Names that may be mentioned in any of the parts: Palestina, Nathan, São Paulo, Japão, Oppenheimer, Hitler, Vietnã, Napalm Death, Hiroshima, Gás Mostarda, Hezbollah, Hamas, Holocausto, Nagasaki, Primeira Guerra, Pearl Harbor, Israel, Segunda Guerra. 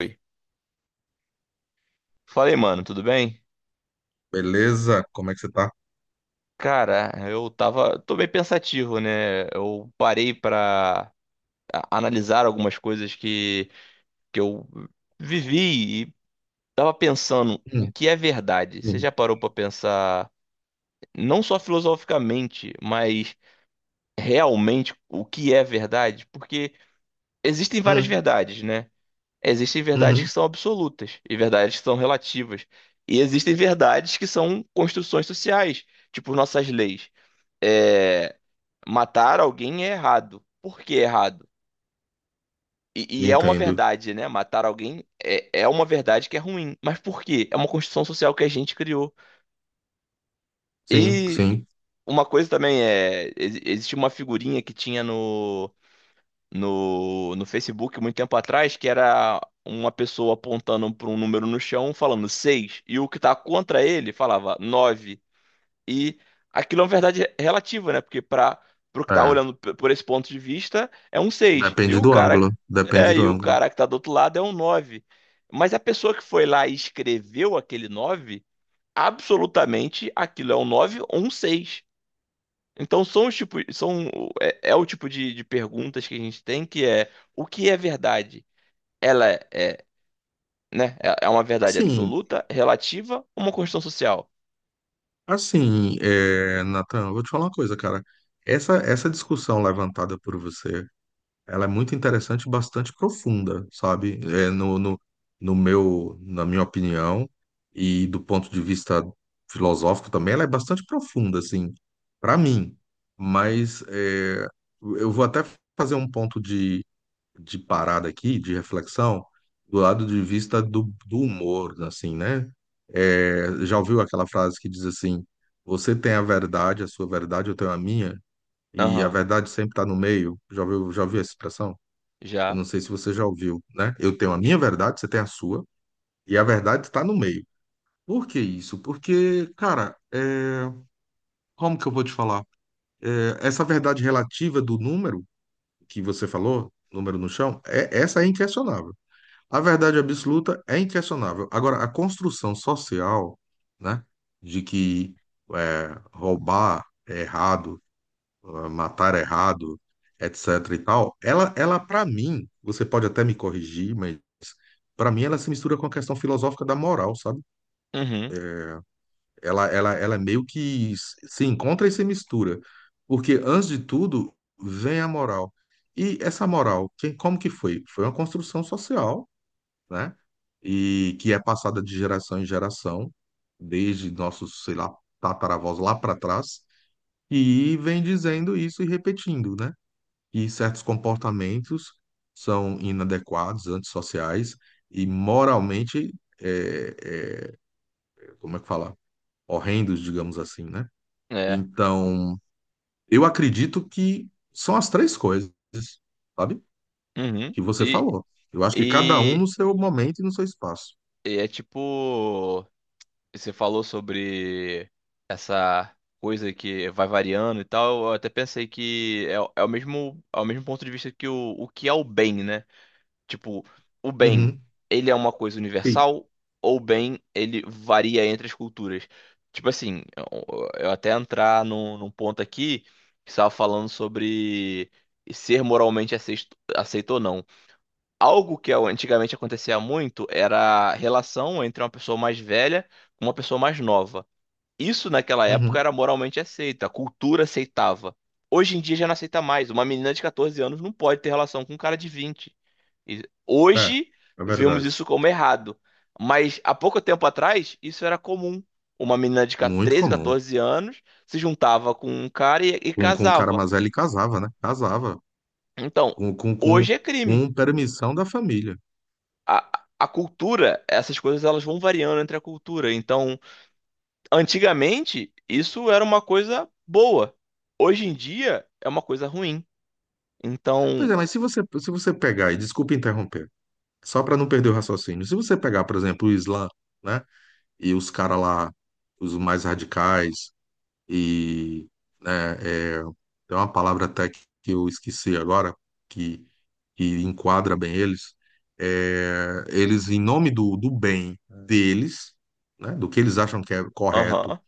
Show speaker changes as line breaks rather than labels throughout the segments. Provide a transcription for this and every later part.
Oi. Falei, mano, tudo bem?
Beleza? Como é que você tá?
Cara, tô bem pensativo, né? Eu parei pra analisar algumas coisas que eu vivi e tava pensando o
Hum,
que é verdade. Você
sim.
já parou pra pensar, não só filosoficamente, mas realmente o que é verdade? Porque existem várias
Hum,
verdades, né? Existem verdades que
uhum.
são absolutas e verdades que são relativas. E existem verdades que são construções sociais, tipo nossas leis. é, Matar alguém é errado. Por que é errado? E é uma
Entendo.
verdade, né? Matar alguém é uma verdade que é ruim. Mas por quê? É uma construção social que a gente criou.
Sim,
E
sim.
uma coisa também é. Existia uma figurinha que tinha no Facebook muito tempo atrás, que era uma pessoa apontando para um número no chão falando 6. E o que tá contra ele falava 9. E aquilo é uma verdade relativa, né? Porque para o que tá
É,
olhando por esse ponto de vista, é um 6. E
depende
o
do
cara
ângulo. Depende do
e o
ângulo.
cara que tá do outro lado é um 9. Mas a pessoa que foi lá e escreveu aquele 9, absolutamente aquilo é um 9 ou um 6? Então são é o tipo de perguntas que a gente tem, que é: o que é verdade? Ela é, é, né? É uma verdade
Assim,
absoluta, relativa, ou uma construção social.
assim, Nathan, eu vou te falar uma coisa, cara. Essa discussão levantada por você, ela é muito interessante e bastante profunda, sabe? É, no, no, no meu, na minha opinião, e do ponto de vista filosófico também, ela é bastante profunda, assim, para mim. Mas eu vou até fazer um ponto de parada aqui, de reflexão, do lado de vista do humor, assim, né? Já ouviu aquela frase que diz assim: você tem a verdade, a sua verdade, eu tenho a minha, e a
Aham,
verdade sempre está no meio. Já ouviu essa expressão? Eu
já.
não sei se você já ouviu, né? Eu tenho a minha verdade, você tem a sua, e a verdade está no meio. Por que isso? Porque, cara, como que eu vou te falar? Essa verdade relativa do número que você falou, número no chão, essa é inquestionável. A verdade absoluta é inquestionável. Agora, a construção social, né, de que é, roubar é errado, ah, matar errado, etc e tal, ela para mim, você pode até me corrigir, mas para mim ela se mistura com a questão filosófica da moral, sabe?
Uhum,
Ela é meio que se encontra e se mistura, porque antes de tudo vem a moral. E essa moral, quem, como que foi? Foi uma construção social, né? E que é passada de geração em geração, desde nossos, sei lá, tataravós lá para trás, e vem dizendo isso e repetindo, né? E certos comportamentos são inadequados, antissociais e moralmente, é, é, como é que fala? Horrendos, digamos assim, né?
é.
Então, eu acredito que são as três coisas, sabe?
Uhum.
Que você falou. Eu acho que cada um no
E,
seu momento e no seu espaço.
e é tipo, você falou sobre essa coisa que vai variando e tal. Eu até pensei que é o mesmo ponto de vista que o que é o bem, né? Tipo, o bem,
Uhum,
ele é uma coisa
sim.
universal, ou o bem, ele varia entre as culturas? Tipo assim, eu até entrar num ponto aqui, que estava falando sobre ser moralmente aceito, aceito ou não. Algo que antigamente acontecia muito era a relação entre uma pessoa mais velha com uma pessoa mais nova. Isso naquela época
Uhum,
era moralmente aceito, a cultura aceitava. Hoje em dia já não aceita mais. Uma menina de 14 anos não pode ter relação com um cara de 20. E
é,
hoje
é
vemos
verdade.
isso como errado. Mas há pouco tempo atrás, isso era comum. Uma menina de
Muito
13,
comum.
14 anos se juntava com um cara e,
Com o cara
casava.
mais velho ele casava, né? Casava.
Então,
Com, com, com,
hoje é crime.
com permissão da família.
A cultura, essas coisas elas vão variando entre a cultura. Então, antigamente, isso era uma coisa boa. Hoje em dia, é uma coisa ruim. Então,
Pois é, mas se você, pegar, e desculpa interromper, só para não perder o raciocínio, se você pegar, por exemplo, o Islã, né, e os caras lá, os mais radicais, e, né, é, tem uma palavra até que eu esqueci agora, que, que enquadra bem eles, eles, em nome do bem deles, né, do que eles acham que é correto
aham,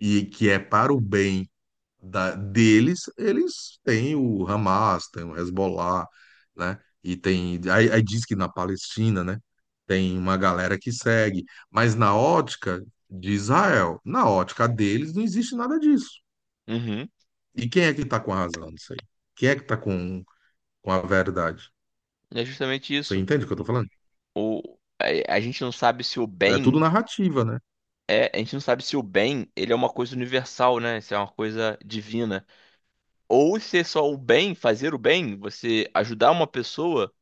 e que é para o bem deles, eles têm o Hamas, tem o Hezbollah, né? E tem. Aí diz que na Palestina, né? Tem uma galera que segue. Mas na ótica de Israel, na ótica deles, não existe nada disso.
uhum,
E quem é que tá com a razão disso aí? Quem é que tá com a verdade?
é justamente
Você
isso.
entende o que eu tô falando?
O, a gente não sabe se o
É tudo
bem
narrativa, né?
a gente não sabe se o bem, ele é uma coisa universal, né? Se é uma coisa divina. Ou se é só o bem, fazer o bem, você ajudar uma pessoa,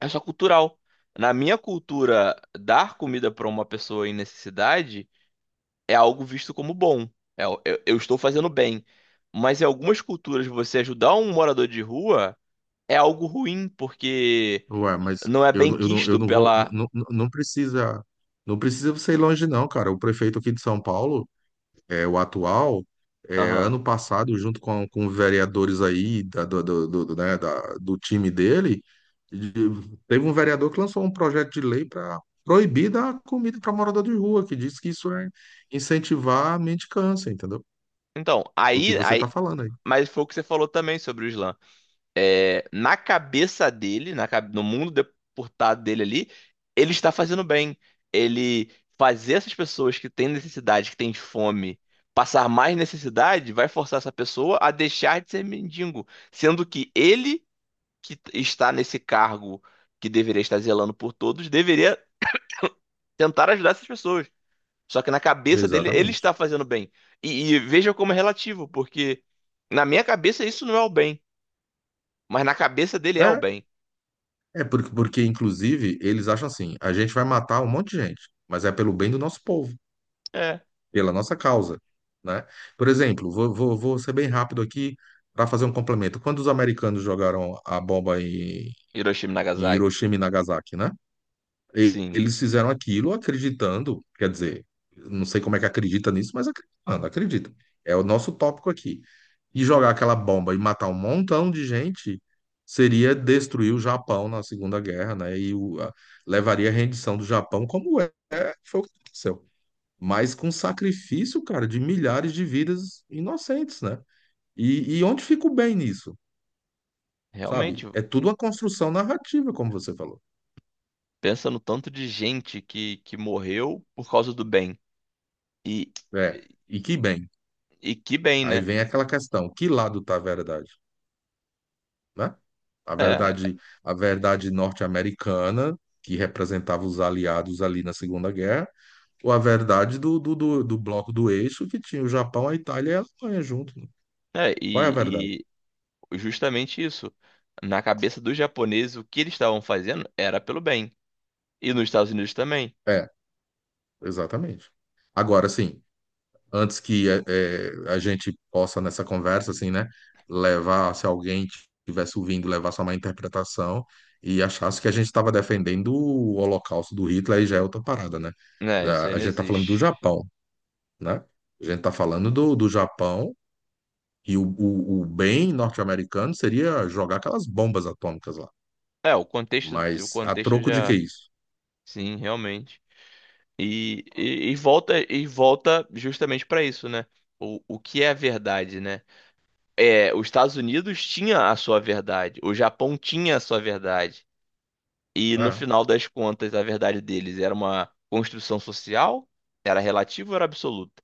é só cultural. Na minha cultura, dar comida para uma pessoa em necessidade é algo visto como bom. É, eu, eu estou fazendo bem. Mas em algumas culturas, você ajudar um morador de rua é algo ruim, porque
Ué, mas
não é
eu,
bem
não- eu, não, eu
quisto
não vou.
pela.
Não, não, não precisa. Não precisa você ir longe, não, cara. O prefeito aqui de São Paulo, o atual,
Aham.
ano passado, junto com vereadores aí do do time dele, de- teve um vereador que lançou um projeto de lei para proibir dar comida para morador de rua, que diz que isso é incentivar a mendicância, entendeu?
Então,
O que
aí,
você está
aí.
falando aí.
Mas foi o que você falou também sobre o Islã. É, na cabeça dele, no mundo deportado dele ali, ele está fazendo bem. Ele fazer essas pessoas que têm necessidade, que têm fome, passar mais necessidade, vai forçar essa pessoa a deixar de ser mendigo, sendo que ele, que está nesse cargo, que deveria estar zelando por todos, deveria tentar ajudar essas pessoas. Só que na cabeça dele, ele
Exatamente.
está fazendo bem. E veja como é relativo, porque na minha cabeça isso não é o bem, mas na cabeça dele é o
É,
bem.
é porque, inclusive, eles acham assim, a gente vai matar um monte de gente, mas é pelo bem do nosso povo,
É.
pela nossa causa, né? Por exemplo, vou ser bem rápido aqui para fazer um complemento. Quando os americanos jogaram a bomba em,
Hiroshima e
em
Nagasaki.
Hiroshima e Nagasaki, né?
Sim,
Eles fizeram aquilo acreditando, quer dizer, não sei como é que acredita nisso, mas acreditando, acredita. É o nosso tópico aqui. E jogar aquela bomba e matar um montão de gente seria destruir o Japão na Segunda Guerra, né? Levaria à rendição do Japão, como é, foi o que aconteceu, mas com sacrifício, cara, de milhares de vidas inocentes, né? E onde fica o bem nisso, sabe?
realmente,
É tudo uma construção narrativa, como você falou.
pensa no tanto de gente que morreu por causa do bem. E,
É, e que bem.
e que bem,
Aí
né?
vem aquela questão, que lado tá a verdade, né? A verdade, a verdade norte-americana, que representava os aliados ali na Segunda Guerra, ou a verdade do bloco do eixo, que tinha o Japão, a Itália e a Alemanha junto, né?
É,
Qual é a verdade?
e, e justamente isso. Na cabeça dos japoneses, o que eles estavam fazendo era pelo bem. E nos Estados Unidos também.
É, exatamente. Agora, sim, antes que a gente possa nessa conversa, assim, né, levar, se alguém estivesse ouvindo, levar só uma interpretação e achasse que a gente estava defendendo o Holocausto do Hitler, aí já é outra parada, né?
Né, isso aí
A
não
gente está falando do
existe.
Japão, né? A gente está falando do Japão e o bem norte-americano seria jogar aquelas bombas atômicas lá.
O
Mas a
contexto
troco de que
já,
isso?
sim, realmente. E volta justamente para isso, né? O que é a verdade, né? É, os Estados Unidos tinha a sua verdade, o Japão tinha a sua verdade. E no
Ah,
final das contas, a verdade deles era uma construção social, era relativa ou era absoluta?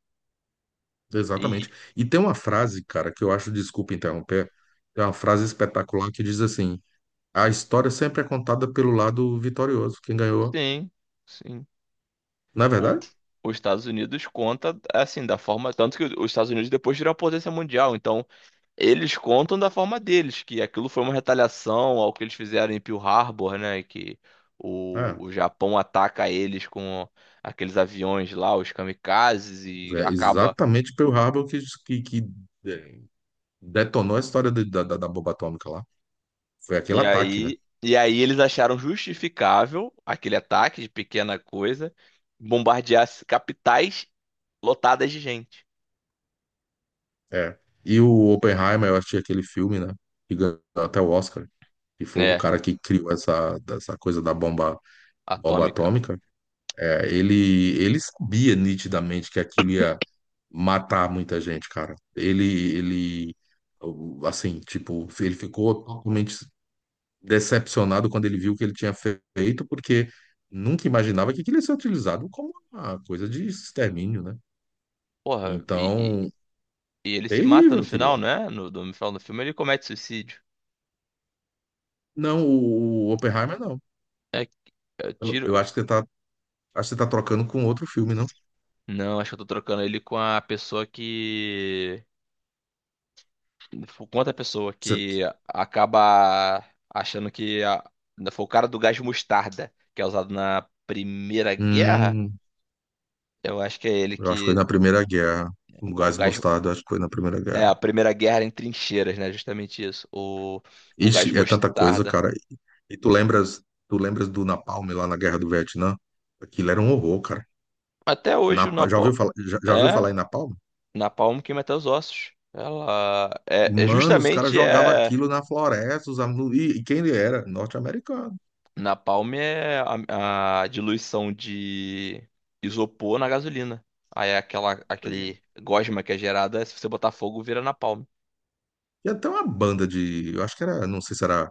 E
exatamente. E tem uma frase, cara, que eu acho, desculpa interromper, tem uma frase espetacular que diz assim: a história sempre é contada pelo lado vitorioso, quem ganhou.
sim, sim.
Não é
O,
verdade?
os Estados Unidos conta assim, da forma. Tanto que os Estados Unidos depois viram a potência mundial. Então, eles contam da forma deles, que aquilo foi uma retaliação ao que eles fizeram em Pearl Harbor, né? Que
É,
o, o Japão ataca eles com aqueles aviões lá, os kamikazes, e
é
acaba.
exatamente Pearl Harbor que, é, detonou a história da bomba atômica lá. Foi aquele ataque, né?
E aí eles acharam justificável aquele ataque de pequena coisa, bombardear capitais lotadas de gente.
É. E o Oppenheimer, eu achei aquele filme, né? Que ganhou até o Oscar. Que foi o
É,
cara que criou essa coisa da bomba, bomba
atômica.
atômica. Ele sabia nitidamente que aquilo ia matar muita gente, cara. Ele, assim, tipo, ele ficou totalmente decepcionado quando ele viu o que ele tinha feito, porque nunca imaginava que aquilo ia ser utilizado como uma coisa de extermínio, né?
Porra, e,
Então,
E ele se mata
terrível
no
aquilo
final,
lá.
não é? No final do filme ele comete suicídio.
Não, o Oppenheimer não.
É,
Eu,
tiro.
eu acho que você tá, acho que você tá trocando com outro filme, não?
Não, acho que eu tô trocando ele com a pessoa que. Com outra pessoa
Você-
que acaba achando que a... foi o cara do gás mostarda, que é usado na Primeira Guerra.
hum,
Eu acho que é ele
eu acho que foi
que.
na Primeira Guerra. O
O
Gás
gás.
Mostarda, acho que foi na Primeira
É,
Guerra.
a Primeira Guerra em trincheiras, né? Justamente isso. O gás
Ixi, é tanta coisa,
mostarda.
cara. E tu lembras do Napalm lá na Guerra do Vietnã? Aquilo era um horror, cara.
Até hoje o
Já
Napalm.
ouviu falar, já, já ouviu
É,
falar em Napalm?
Napalm queima até os ossos. Ela é, é
Mano, os caras
justamente
jogavam
é
aquilo na floresta, e quem ele era? Norte-americano.
Napalm é a diluição de isopor na gasolina. Aí é
Pois é.
aquele gosma que é gerada, se você botar fogo, vira napalm.
E até uma banda de, eu acho que era, não sei se era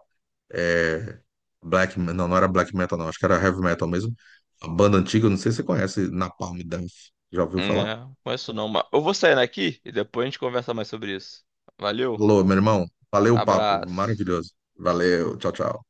é, black, não, não era black metal não, acho que era heavy metal mesmo. A banda antiga, não sei se você conhece, Napalm Death. Já ouviu falar?
É, não conheço não, mas eu vou saindo aqui e depois a gente conversa mais sobre isso. Valeu,
Alô, meu irmão, valeu o papo,
abraço.
maravilhoso. Valeu, tchau, tchau.